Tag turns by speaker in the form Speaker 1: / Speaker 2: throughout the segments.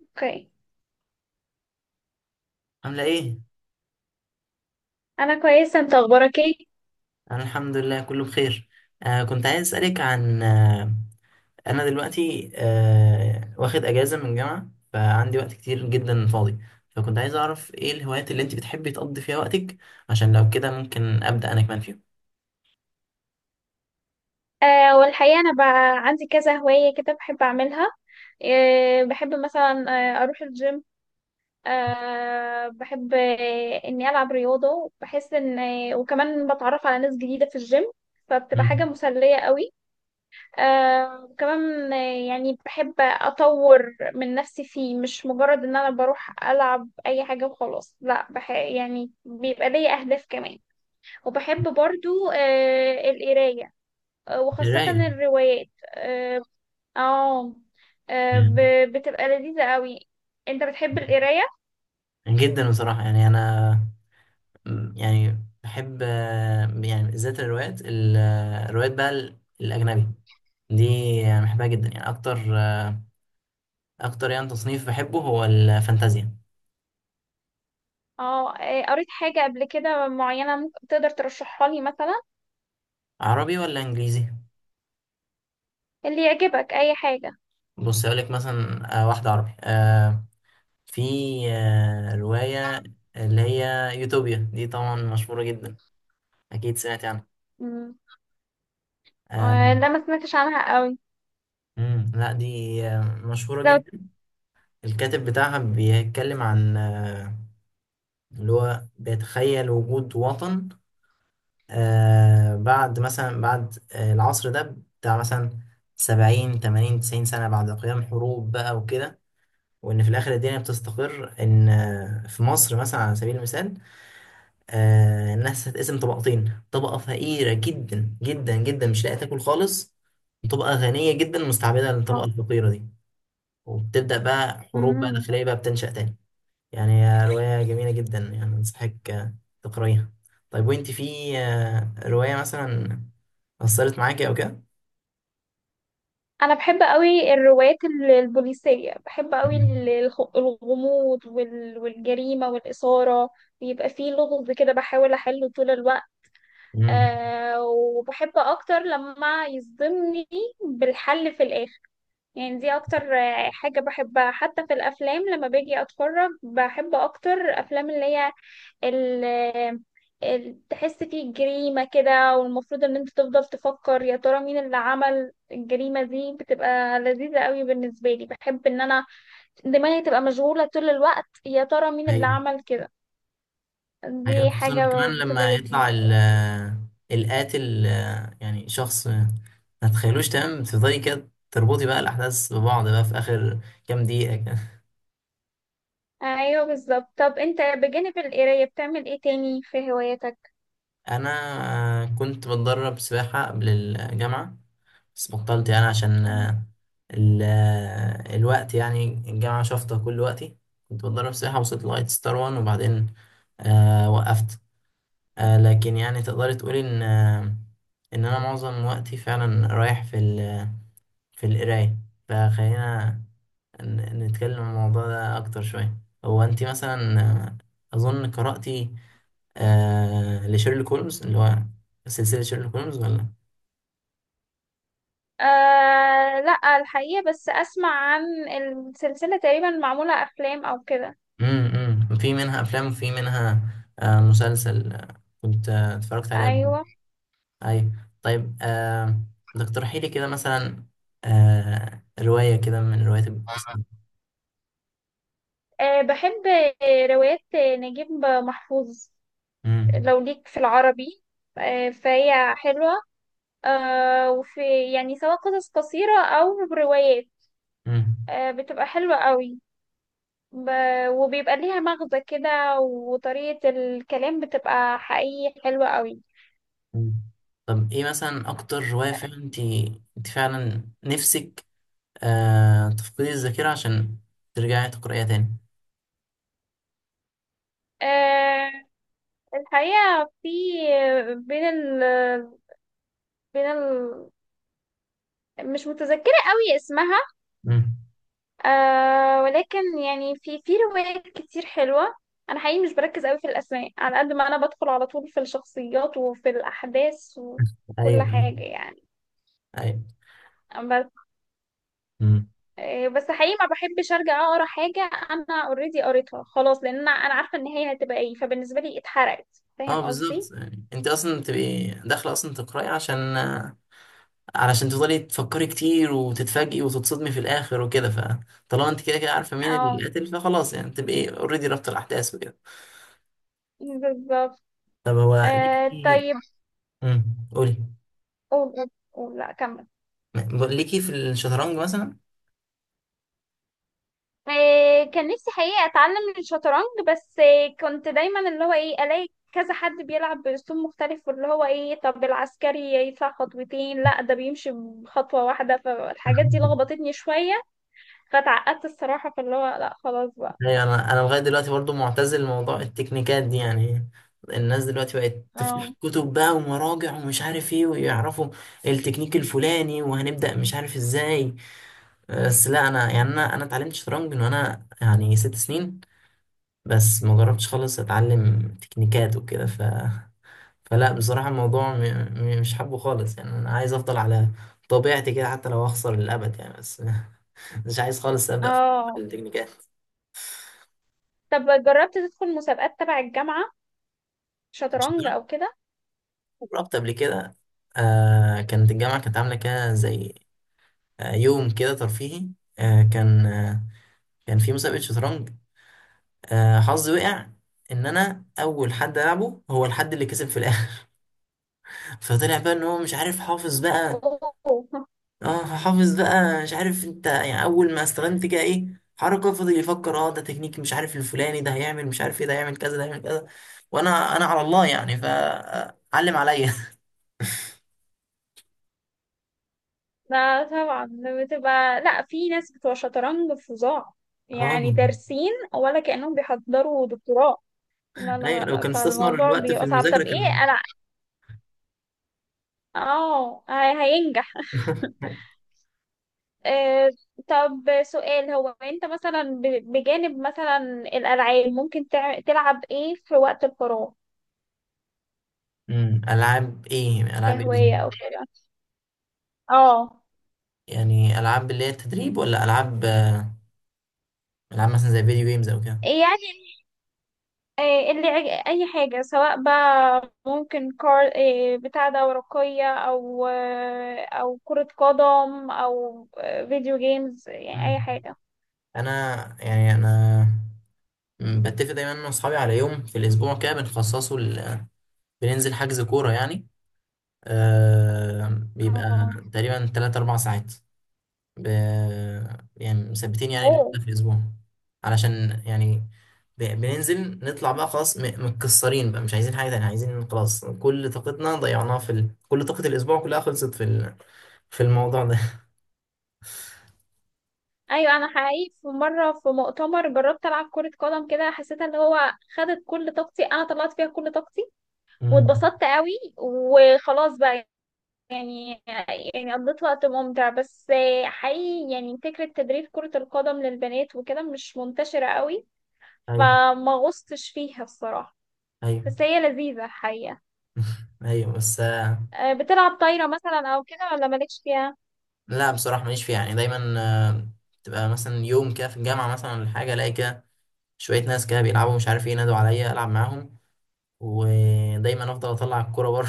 Speaker 1: اوكي.
Speaker 2: عاملة ايه؟
Speaker 1: انا كويسه. انت اخبارك ايه؟
Speaker 2: أنا الحمد لله كله بخير. كنت عايز أسألك عن أنا دلوقتي واخد أجازة من الجامعة، فعندي وقت كتير جدا فاضي. فكنت عايز أعرف ايه الهوايات اللي انت بتحبي تقضي فيها وقتك، عشان لو كده ممكن أبدأ أنا كمان فيهم.
Speaker 1: والحقيقه انا بقى عندي كذا هوايه كده بحب اعملها. بحب مثلا اروح الجيم. بحب اني العب رياضه، بحس ان وكمان بتعرف على ناس جديده في الجيم، فبتبقى حاجه
Speaker 2: مم.
Speaker 1: مسليه قوي. آه وكمان آه يعني بحب اطور من نفسي فيه، مش مجرد ان انا بروح العب اي حاجه وخلاص، لا، يعني بيبقى ليا اهداف كمان. وبحب برضو القرايه، وخاصة
Speaker 2: قراية.
Speaker 1: الروايات. اه. آه،
Speaker 2: مم.
Speaker 1: بتبقى لذيذة قوي. انت بتحب القراية؟
Speaker 2: جدا بصراحة، يعني أنا يعني بحب يعني بالذات الروايات الروايات بقى الأجنبي دي. يعني بحبها جدا، يعني أكتر أكتر يعني تصنيف بحبه هو الفانتازيا.
Speaker 1: اه. قريت حاجة قبل كده معينة ممكن تقدر ترشحها لي مثلا؟
Speaker 2: عربي ولا انجليزي؟
Speaker 1: اللي يعجبك، اي حاجة.
Speaker 2: بص اقول لك مثلا، واحده عربي. في روايه اللي هي يوتوبيا، دي طبعا مشهوره جدا، اكيد سمعت عنها.
Speaker 1: مم.
Speaker 2: آه
Speaker 1: لا، ما سمعتش عنها قوي.
Speaker 2: لا، دي مشهوره
Speaker 1: لو.
Speaker 2: جدا. الكاتب بتاعها بيتكلم عن اللي هو بيتخيل وجود وطن بعد مثلا، بعد العصر ده بتاع مثلا 70 80 90 سنة بعد قيام حروب بقى وكده. وان في الاخر الدنيا بتستقر ان في مصر مثلا على سبيل المثال، الناس هتقسم طبقتين، طبقه فقيره جدا جدا جدا مش لاقيه تاكل خالص، وطبقه غنيه جدا مستعبده
Speaker 1: آه.
Speaker 2: للطبقه الفقيره دي. وبتبدا بقى حروب بقى
Speaker 1: مم.
Speaker 2: داخليه بقى بتنشا تاني. يعني هي روايه جميله جدا، يعني انصحك تقريها. طيب وانت في روايه مثلا اثرت معاكي او كده؟
Speaker 1: انا بحب قوي الروايات البوليسية، بحب قوي
Speaker 2: مم.
Speaker 1: الغموض والجريمة والإثارة. بيبقى فيه لغز كده، بحاول احله طول الوقت.
Speaker 2: مم.
Speaker 1: وبحب اكتر لما يصدمني بالحل في الاخر. يعني دي اكتر حاجة بحبها، حتى في الافلام لما باجي اتفرج بحب اكتر افلام اللي هي ال- تحس فيه جريمة كده، والمفروض ان انت تفضل تفكر يا ترى مين اللي عمل الجريمة دي. بتبقى لذيذة قوي بالنسبة لي، بحب ان انا دماغي تبقى مشغولة طول الوقت، يا ترى مين اللي
Speaker 2: ايوه.
Speaker 1: عمل كده.
Speaker 2: أيوة،
Speaker 1: دي
Speaker 2: خصوصا
Speaker 1: حاجة
Speaker 2: كمان
Speaker 1: بتبقى
Speaker 2: لما يطلع
Speaker 1: لذيذة.
Speaker 2: القاتل يعني شخص ما تتخيلوش، تمام، تفضلي كده تربطي بقى الأحداث ببعض بقى في آخر كام دقيقة كده.
Speaker 1: ايوه بالظبط. طب انت بجانب القرايه بتعمل ايه تاني في هواياتك؟
Speaker 2: أنا كنت بتدرب سباحة قبل الجامعة، بس بطلت يعني عشان الوقت يعني، الجامعة شافطة كل وقتي. كنت بتدرب سباحة وصلت لغاية ستار وان وبعدين وقفت. لكن يعني تقدري تقولي إن إن أنا معظم وقتي فعلا رايح في القراية. فخلينا نتكلم عن الموضوع ده أكتر شوية. هو أنت مثلا أظن قرأتي لشيرلوك هولمز، اللي هو سلسلة شيرلوك هولمز، ولا؟
Speaker 1: لا، الحقيقه بس اسمع عن السلسله، تقريبا معموله افلام او كده.
Speaker 2: في منها أفلام وفي منها مسلسل، كنت اتفرجت عليها قبل كده.
Speaker 1: ايوه.
Speaker 2: أيوة. طيب تقترحي لي كده مثلا رواية كده من روايات البوليس دي.
Speaker 1: بحب روايات نجيب محفوظ
Speaker 2: امم.
Speaker 1: لو ليك في العربي، فهي حلوه، وفي يعني سواء قصص قصيره او روايات،
Speaker 2: امم.
Speaker 1: بتبقى حلوه قوي. ب... وبيبقى ليها مغزى كده، وطريقه الكلام بتبقى حقيقي حلوه قوي.
Speaker 2: طب ايه مثلا اكتر رواية فعلا انت فعلا نفسك تفقد الذاكرة عشان ترجعي تقرأيها تاني؟
Speaker 1: آه، الحقيقة في بين ال بين ال مش متذكرة قوي اسمها.
Speaker 2: مم.
Speaker 1: ولكن يعني في روايات كتير حلوة. أنا حقيقي مش بركز قوي في الأسماء، على قد ما أنا بدخل على طول في الشخصيات وفي الأحداث
Speaker 2: أيوه،
Speaker 1: وكل
Speaker 2: أيوه،
Speaker 1: حاجة يعني.
Speaker 2: أيوه.
Speaker 1: بس
Speaker 2: امم
Speaker 1: بس حقيقي ما بحبش أرجع أقرأ حاجة أنا أوريدي قريتها خلاص، لأن أنا عارفة النهاية هتبقى إيه، فبالنسبة لي اتحرقت.
Speaker 2: اه،
Speaker 1: فاهم قصدي؟
Speaker 2: بالظبط، يعني انت اصلا بتبقي داخله اصلا تقراي عشان علشان تفضلي تفكري كتير وتتفاجئي وتتصدمي في الاخر وكده. فطالما انت كده كده عارفه مين
Speaker 1: اه
Speaker 2: اللي قاتل، فخلاص يعني تبقي اوريدي رابطه الاحداث وكده.
Speaker 1: بالظبط.
Speaker 2: طب هو ليكي
Speaker 1: طيب.
Speaker 2: قولي
Speaker 1: قول قول قول، لا كمل.
Speaker 2: ليكي في الشطرنج مثلا؟
Speaker 1: كان نفسي حقيقة أتعلم الشطرنج، بس كنت دايما اللي هو إيه ألاقي كذا حد بيلعب بأسلوب مختلف، واللي هو إيه طب العسكري يدفع خطوتين، لا ده بيمشي بخطوة واحدة، فالحاجات دي لخبطتني شوية فاتعقدت الصراحة، فاللي هو لا خلاص بقى.
Speaker 2: ايوه، انا لغايه دلوقتي برضو معتزل لموضوع التكنيكات دي. يعني الناس دلوقتي بقت تفتح
Speaker 1: اه.
Speaker 2: كتب بقى ومراجع ومش عارف ايه، ويعرفوا التكنيك الفلاني، وهنبدا مش عارف ازاي. بس لا انا يعني انا اتعلمت شطرنج من وانا يعني 6 سنين، بس ما جربتش خالص اتعلم تكنيكات وكده. فلا بصراحه الموضوع مش حابه خالص، يعني انا عايز افضل على طبيعتي كده، حتى لو اخسر للابد، يعني بس مش عايز خالص ابدا في
Speaker 1: اه.
Speaker 2: التكنيكات.
Speaker 1: طب جربت تدخل مسابقات تبع الجامعة شطرنج أو كده؟
Speaker 2: رحت قبل كده، كانت الجامعة كانت عاملة كده زي يوم كده ترفيهي. كان كان في مسابقة شطرنج. حظي وقع إن أنا أول حد ألعبه هو الحد اللي كسب في الآخر. فطلع بقى إن هو مش عارف، حافظ بقى.
Speaker 1: أوه.
Speaker 2: اه، حافظ بقى، مش عارف انت، يعني أول ما استخدمت كده إيه حركة فضل يفكر، اه ده تكنيك مش عارف الفلاني، ده هيعمل مش عارف ايه، ده هيعمل كذا، ده هيعمل كذا. وأنا على الله يعني، فعلم عليا.
Speaker 1: لا طبعا. بتبقى، لا، في ناس بتوع شطرنج فظاع
Speaker 2: اه.
Speaker 1: يعني دارسين، ولا كأنهم بيحضروا دكتوراه. لا لا
Speaker 2: ايوه لو
Speaker 1: لا،
Speaker 2: كان استثمر
Speaker 1: فالموضوع
Speaker 2: الوقت في
Speaker 1: بيبقى صعب. طب
Speaker 2: المذاكرة كان.
Speaker 1: ايه انا. اه هينجح. آه طب سؤال. هو انت مثلا بجانب مثلا الألعاب، ممكن تلعب ايه في وقت الفراغ
Speaker 2: العاب ايه، العاب ايه بالظبط؟
Speaker 1: كهواية او كده؟ اه
Speaker 2: يعني العاب اللي هي التدريب ولا العاب؟ العاب مثلا زي فيديو جيمز او كده؟
Speaker 1: يعني. إيه اللي اي حاجه، سواء بقى ممكن كار إيه بتاع ده ورقيه او او كره قدم او فيديو جيمز، يعني اي
Speaker 2: أمم.
Speaker 1: حاجه.
Speaker 2: انا يعني انا بتفق دايما انا واصحابي على يوم في الاسبوع كده بنخصصه بننزل حجز كورة يعني. آه بيبقى
Speaker 1: اه.
Speaker 2: تقريبا 3 4 ساعات، ب... يعني مثبتين، يعني اه اليوم
Speaker 1: اوه.
Speaker 2: ده في الأسبوع علشان يعني بننزل نطلع بقى خلاص متكسرين بقى، مش عايزين حاجة تانية، عايزين خلاص، كل طاقتنا ضيعناها في كل طاقة الأسبوع كلها خلصت في في الموضوع ده.
Speaker 1: ايوه. انا حقيقي في مره في مؤتمر جربت العب كره قدم كده، حسيت اللي هو خدت كل طاقتي، انا طلعت فيها كل طاقتي
Speaker 2: مم.
Speaker 1: واتبسطت قوي، وخلاص بقى يعني. قضيت وقت ممتع، بس حقيقي يعني فكره تدريب كره القدم للبنات وكده مش منتشره قوي،
Speaker 2: أيوه،
Speaker 1: فما غصتش فيها الصراحة،
Speaker 2: أيوه.
Speaker 1: بس هي لذيذة حقيقة.
Speaker 2: أيوه بس
Speaker 1: بتلعب طايرة مثلا أو كده ولا مالكش فيها؟
Speaker 2: لا بصراحة ماليش فيها، يعني دايما آه، تبقى مثلا يوم كده في الجامعة مثلا ولا حاجة، ألاقي كده شوية ناس كده بيلعبوا مش عارف ايه، نادوا عليا ألعب معاهم، ودايما أفضل أطلع الكورة بره.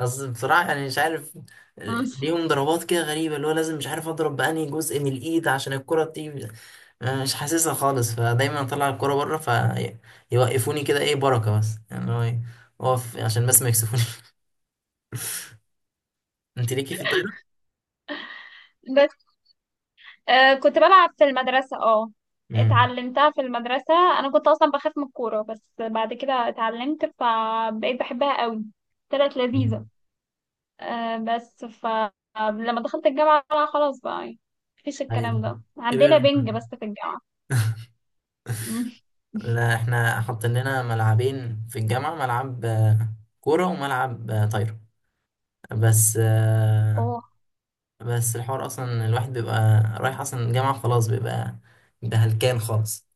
Speaker 2: اصل بصراحة يعني مش عارف
Speaker 1: مم.
Speaker 2: ليهم ضربات كده غريبة اللي هو لازم مش عارف اضرب بأنهي جزء من الايد عشان الكرة تيجي. أنا مش حاسسها خالص، فدايما اطلع الكرة بره، فيوقفوني كده ايه بركة، بس يعني هو إيه، اقف عشان بس ما يكسفوني. انت ليكي في الطايرة؟
Speaker 1: بس كنت بلعب في المدرسة. اه،
Speaker 2: امم
Speaker 1: اتعلمتها في المدرسة، أنا كنت أصلا بخاف من الكورة، بس بعد كده اتعلمت فبقيت بحبها قوي، طلعت لذيذة. بس فلما دخلت الجامعة بقى خلاص بقى يعني، مفيش الكلام
Speaker 2: ايوه،
Speaker 1: ده عندنا،
Speaker 2: كبير.
Speaker 1: بنج بس في الجامعة. مم.
Speaker 2: لا احنا حاطين لنا ملعبين في الجامعة، ملعب كورة وملعب طايرة، بس بس الحوار اصلا الواحد بيبقى رايح اصلا الجامعة خلاص، بيبقى ده هلكان خالص.